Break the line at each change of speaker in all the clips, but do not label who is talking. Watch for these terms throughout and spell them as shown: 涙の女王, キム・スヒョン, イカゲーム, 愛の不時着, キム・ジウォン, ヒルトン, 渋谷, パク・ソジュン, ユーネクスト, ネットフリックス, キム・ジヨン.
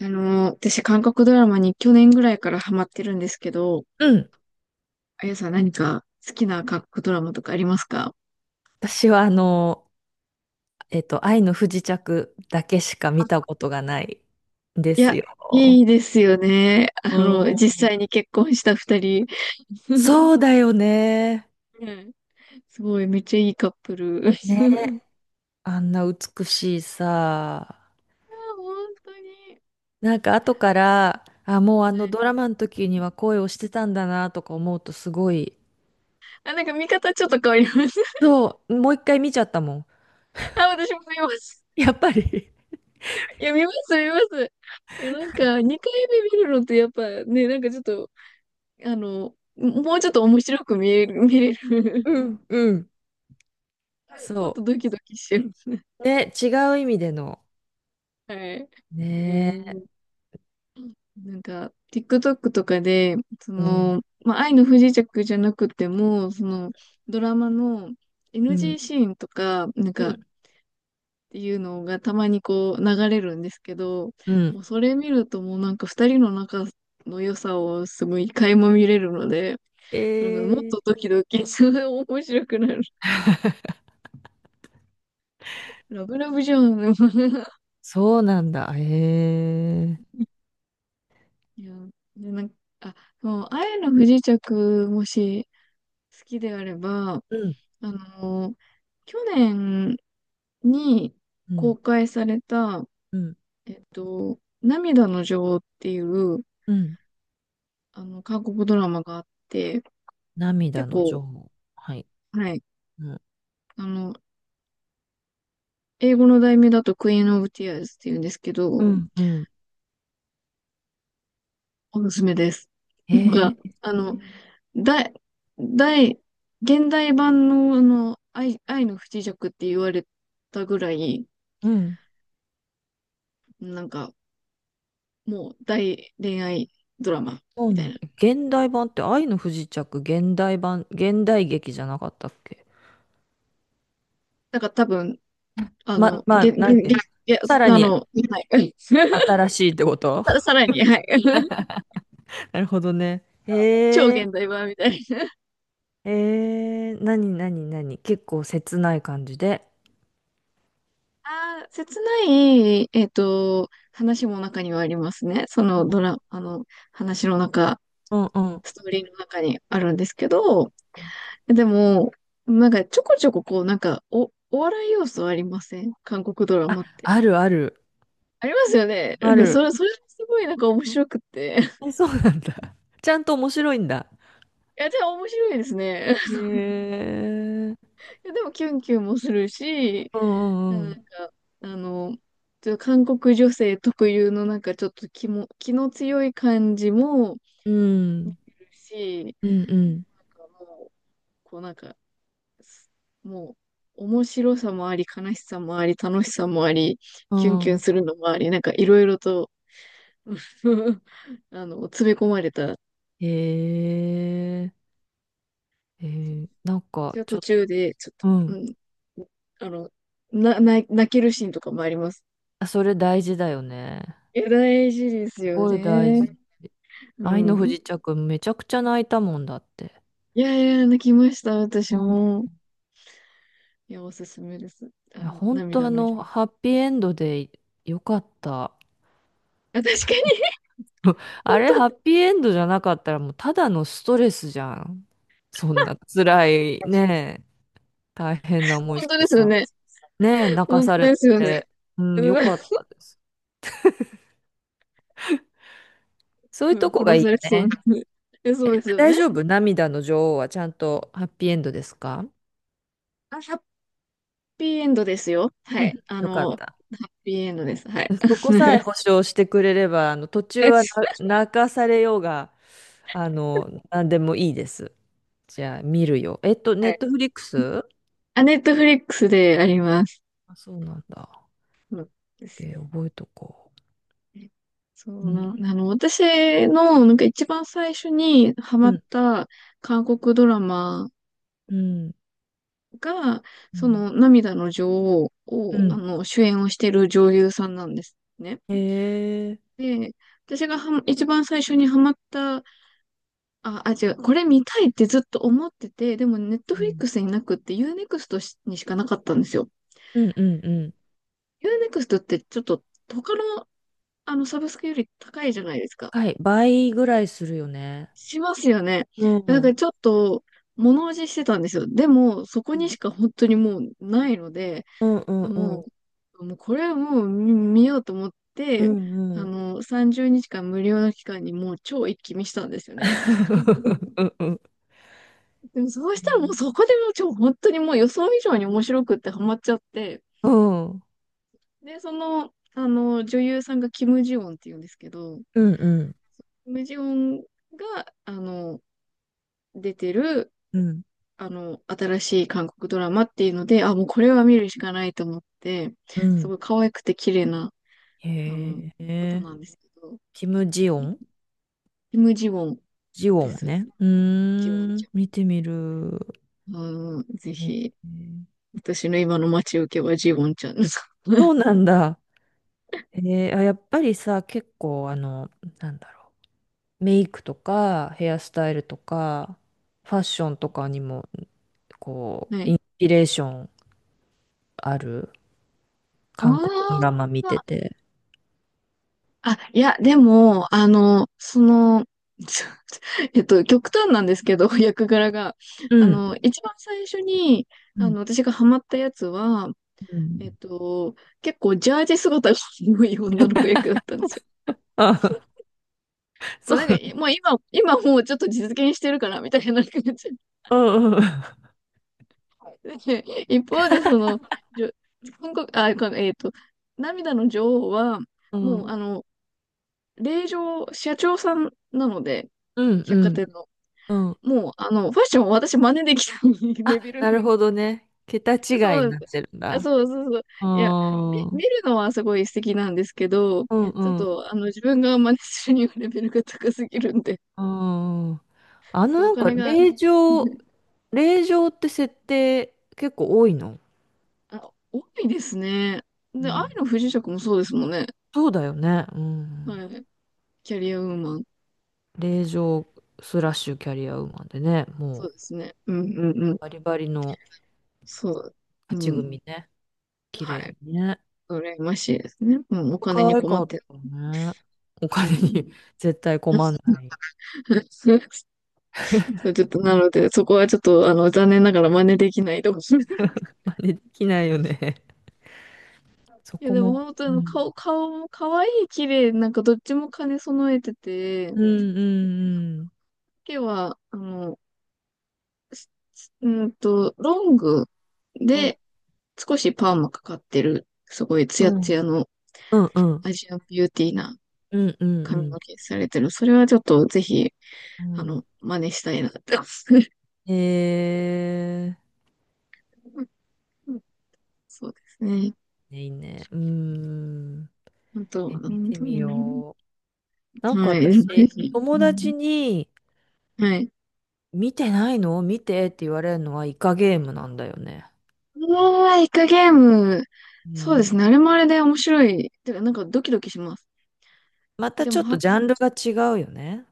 私、韓国ドラマに去年ぐらいからハマってるんですけど、
うん。
あやさん何か好きな韓国ドラマとかありますか？
私は愛の不時着だけしか見たことがないんで
い
す
や、
よ。
いいですよね。あ
うん。
の、実際に結婚した二人。
そうだよね。
うん。すごい、めっちゃいいカップル。
ね。あんな美しいさ。
あ、本当に。
なんか後から、あ、もうあのド
は、
ラマの時には恋をしてたんだなとか思うとすごい。
あ、見方ちょっと変わります。
そう、もう一回見ちゃったもん。
あ、私も見ます。
やっぱり。
いや、見ます、見ます。いや、2回目見るのってやっぱね、なんかちょっと、あの、もうちょっと面白く見れる、
うんうん。
もっ
そ
とドキドキしちゃいますね。
う。ね、違う意味での。
はい。う
ね。
ん。なんか、TikTok とかで、そ
うん。
の、まあ、愛の不時着じゃなくても、その、ドラマの
う
NG
ん。
シーンとか、
うん。
ていうのがたまにこう流れるんですけど、
うん。
もうそれ見るともうなんか二人の仲の良さをすごい垣間見れるので、
え
なんかもっと
ー、
ドキドキ、すごい面白くなる。ラブラブじゃん。
そうなんだ。へえ。
いや、で、なんか、あ、もう、愛の不時着、もし好きであれば、
うん、
あの、去年に
うん、
公開された、
うん、
涙の女王っていう、
うん。
韓国ドラマがあって、
涙
結
の女
構、
王。はい。
はい、
うん、
あの、英語の題名だとクイーン・オブ・ティアーズっていうんですけど、
うん、うん。
おすすめです。な
へ
んか、
え、
あの、大、大、現代版の、あの、愛の不時着って言われたぐらい、
うん。
なんか、もう大恋愛ドラマ。
そう
みた
なん
い
だ。
な。
現代版って愛の不時着、現代版、現代劇じゃなかったっけ？
なんか多分、あ
ま、
の、
まあ、なんていうの。
げ、
さら
あ
に
の、はい。
新しいってこと？
さらに、はい。
なるほどね。
超
へえ、
現代版みたいな。
へえ、なになになに結構切ない感じで。
ああ、切ない、えっと、話も中にはありますね。そのドラ、あの、話の中、
うん、うん。
ストーリーの中にあるんですけど、でも、なんかちょこちょここう、なんか、お笑い要素ありません韓国ドラマって。
あるある。
ありますよね。なん
あ
か、
る。
それすごいなんか面白くって。
え、そうなんだ。ちゃんと面白いんだ。
いや、じゃあ面白いですね。
へえ。
いやでも、キュンキュンもするし、
うんう
なんか、
ん
あの、ちょっと韓国女性特有のなんかちょっと気の強い感じも
うん。うん。
いるし、
うんうん。
なんかもう、こうなんか、すもう、面白さもあり、悲しさもあり、楽しさもあり、
う
キュンキュン
ん。
するのもあり、なんかいろいろと あの、詰め込まれた。
へえ。へえ。なん
私
か、
は
ち
途
ょっと、
中で、ちょっと、
う
う
ん。
ん、あの、泣けるシーンとかもあります。
あ、それ大事だよね。
いや、大事です
す
よ
ごい大
ね。
事。
う
愛の不
ん。
時着、めちゃくちゃ泣いたもんだって。
いやいや、泣きました、私
うん。
も。いや、おすすめです。あ
いや、
の、
本当
涙の、
ハッピーエンドでよかった。
あ、確かに、本
あれ、
当、
ハッピーエンドじゃなかったら、もうただのストレスじゃん。そんな辛い、ねえ、大変な思い
本
し
当
て
ですよ
さ。
ね。
ねえ、泣か
本
さ
当
れ
ですよね。
て、うん、よ
う
かったです。そういう
ん、
とこが
殺
いい
され
よ
そう
ね。
な。え、そうですよ
大
ね。
丈夫。涙の女王はちゃんとハッピーエンドですか？
あ、ハッピーエンドですよ。は
う
い。
ん、
あ
よか
の、
っ
ハ
た。
ッピーエンドです。はい。
そこさえ保 証してくれれば、途中はな泣かされようが、なんでもいいです。じゃあ、見るよ。
は
ネッ
い。
トフリックス？
あ、ネットフリックスであります。
あ、そうなんだ。
そうです
OK、
よ
覚えとこ
ね。そ
う。う
う
ん、
な、あの、私の、なんか一番最初にハ
う
マっ
ん、
た韓国ドラマ
うん、
が、
う
そ
ん。
の涙の女王
う
を、あ
ん。
の、主演をしている女優さんなんですね。
へえ。
で、私がはま一番最初にハマった、これ見たいってずっと思ってて、でもネット
う
フリッ
ん、
クスになくってユーネクストにしかなかったんですよ。
うん、うん。うん。
ユーネクストってちょっと他の、あの、サブスクより高いじゃないですか。
はい、倍ぐらいするよね。
しますよね。
うん、う
だか
ん、
らちょっと、物おじしてたんですよ。でも、そこにしか本当にもうないので、
うん、うん、
あ
う
も
ん、
う、もうこれはもう見、見ようと思っ
うん、
て、
う
あ
ん、
の、30日間無料の期間にもう超一気見したんですよね。
うんうん、
でもそうしたらもうそこでもう超本当にもう予想以上に面白くってハマっちゃって、
うん
で、その、あの、女優さんがキム・ジヨンっていうんですけど、
うんうん
キム・ジヨンが、あの、出てる、
うん。
あの、新しい韓国ドラマっていうので、あ、もうこれは見るしかないと思って、すごい可愛くて綺麗な、あの、
へ
方
え、
なんですけど、
キム・ジヨン。
キム・ジウォン
ジヨ
で
ン
す。
ね。う
ジウォン
ー
ち
ん、
ゃ
見てみる。
ん。うん、ぜ
へえ。
ひ、私の今の待ち受けはジウォンちゃんです。
そうなんだ。えー、あ、やっぱりさ、結構、なんだろう。メイクとか、ヘアスタイルとか、ファッションとかにも、こう、
は
イ
い。
ンスピレーションある、
あ
韓国ドラマ見て
あ、
て。
あ、いや、でも、あの、その、えっと、極端なんですけど、役柄が。
う
あ
ん
の、一番最初に、
う
あ
ん、
の、私がハマったやつは、
う
えっ
ん。
と、結構ジャージ姿が多い女の子役だったんですよ。
あ、
も
そ
う
う。
なんか、もう今、今もうちょっと実現してるかな、みたいな感じ。
うんうん。
で 一方で、その、じょ韓国、あ、このえっと、涙の女王は、
う
もう、あ
ん。
の、令嬢、社長さんなので、
うんう
百貨
ん。
店の。
うん。
もう、あの、ファッションを私真似できた レ
あ、
ベル
な
の。
るほどね。桁
そ
違
う
い
な
に
ん
な
で
っ
す。
てるん
あ、
だ。
そうそうそう。
う
いや、
ーう
見
ん。
るのはすごい素敵なんですけど、
うんう
ちょっ
ん。う
と、あの、自分が真似するにはレベルが高すぎるんで、ちょ
ん。
っとお
なんか、
金が、
令状って設定結構多いの？
あ、多いですね。
う
で、愛
ん。
の不時着もそうですもんね。
そうだよね。う
は
ん。
い。キャリアウーマン。
令状スラッシュキャリアウーマンでね、も
そ
う
うですね。うんうんうん。
バリバリの
そう。
勝
う
ち
ん。
組ね。綺麗
はい。
にね。
羨ましいですね。うん。お金
可
に
愛
困
か
っ
っ
てる。
たね。お
う
金
ん。
に 絶対困んない。
そう、ちょっと、なので、そこはちょっと、あの、残念ながら真似できないと思う。
真似できないよね。そ
いや、
こ
でも
も。
本当に
う
あの
ん。
顔も可愛い、綺麗、なんかどっちも兼ね備えてて、
うんうん
毛は、あの、うーんと、ロング
うん。うん。
で少しパーマかかってる、すごいツ
う
ヤツ
ん
ヤの
うんうん
アジアンビューティーな
うんう
髪の
ん
毛されてる。それはちょっとぜひあ
う
の、真似したいなって思う。
ん。え
そうですね。
ー、いいね。うん。
本当、
え、見
本
て
当
み
にね。
よう。なんか
はい。ぜ
私、
ひ。う
友
ん、
達に、
はい。
見てないの見てって言われるのはイカゲームなんだよね。
うわー、イカゲーム。
う
そうです
ん。
ね。あれもあれで面白い。てか、なんかドキドキします。
また
で
ちょ
も、
っと
は、
ジャンルが違うよね。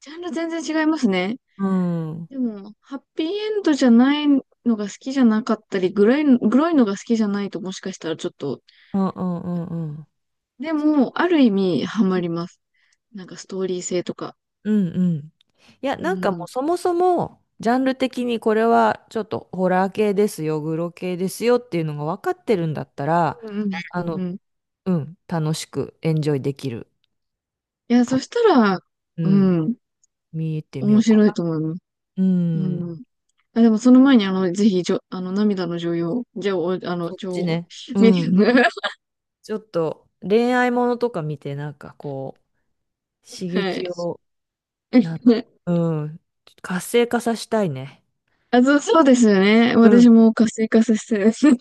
ジャンル全然違いますね。
うん。うん
でも、ハッピーエンドじゃないのが好きじゃなかったり、グロいのが好きじゃないともしかしたらちょっと、
うんうんうん。
でも、ある意味、ハマります。なんかストーリー性とか。
うんうん。いや、
う
なんかも
ん。
うそもそも、ジャンル的にこれはちょっとホラー系ですよ、グロ系ですよっていうのが分かってるんだったら、
うんうん
あ
うんう
の、
ん、
うん、楽しくエンジョイできる
いや、
か
そしたら、
な。う
う
ん、
ん、
見てみ
面
ようか
白い
な。
と思います。
う
う
ん、
ん。あ、でもその前に、あの、ぜひ、じょ、あの、涙の女優、じゃあ、おあの、
そっ
女
ち
王、
ね。う
見て
ん。ちょっと恋愛ものとか見て、なんかこう、刺
はい。
激を、なん、うん、活性化させたいね。
あ、そうですよね。
う
私
ん。
も活性化させて。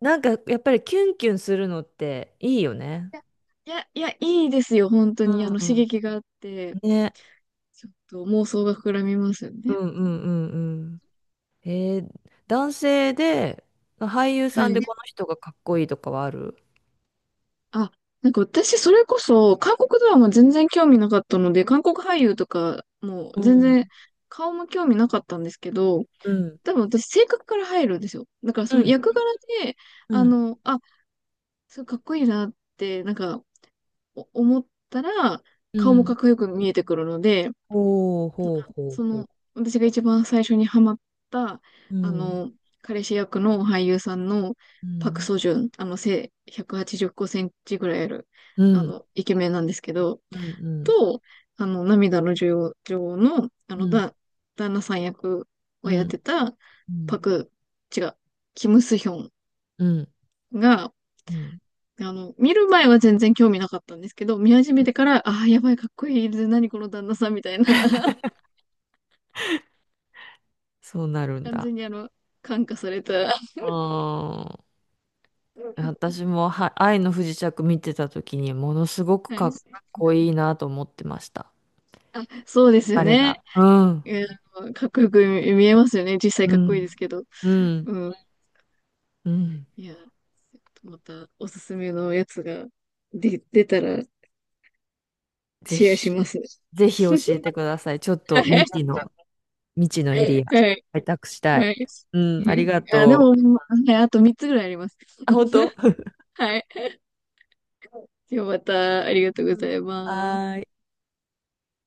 なんかやっぱりキュンキュンするのっていいよね。
いや、いや、いいですよ、本当
う
に。あの、刺
ん。
激があって、
ね。
ちょっと妄想が膨らみますよ
う
ね。
んうんうんうん。えー、男性で、俳優
は
さんで
い。
この人がかっこいいとかはある？
あ、なんか私、それこそ、韓国ドラマ全然興味なかったので、韓国俳優とか、も
う
う全
ん。
然、顔も興味なかったんですけど、
うん。
多分私、性格から入るんですよ。だから、
う
その役
ん。
柄で、
う
あ
ん。
の、あ、すごいかっこいいなって、なんか、思ったら、
う
顔もかっ
ん。
こよく見えてくるので、
ほう
なん
ほう
か
ほう
そ
ほ
の、
う。
私が一番最初にハマった、
う
あ
ん。
の、彼氏役の俳優さんの
う
パク・
ん。
ソジュン、あの、背185センチぐらいある、
う
あ
ん。
の、イケメンなんですけど、
うん。うん。
と、あの、涙の女王の、あ
う
の、
ん。
旦那さん役を
う
やって
ん。
た、パク、違う、キム・スヒョン
うん。
が、
うん。
あの、見る前は全然興味なかったんですけど、見始めてから、ああ、やばい、かっこいい、何この旦那さんみたいな、
そうなるん
完
だ。
全にあの、感化された。は
あー、
い。
私は愛の不時着見てた時にものすごくかっこいいなと思ってました。
あ、そうですよ
彼
ね。
が。うん。
うん、かっこよく見えますよね。実際
う
かっこいいです
ん。
けど。
うん。
うん。
うん。
いや、またおすすめのやつが出たら
ぜ
シェアし
ひ、
ます。
教えてください。ちょっ
は
と
い。
未知の、エリア、
はい。
開拓した
は
い。
い。
う
う
ん、あり
ん、
が
あ、でも、
と
はい、あと3つぐらいあります。
う。あ、本当。
はい。ではまた、ありがとうご
うん。
ざいます。
はーい。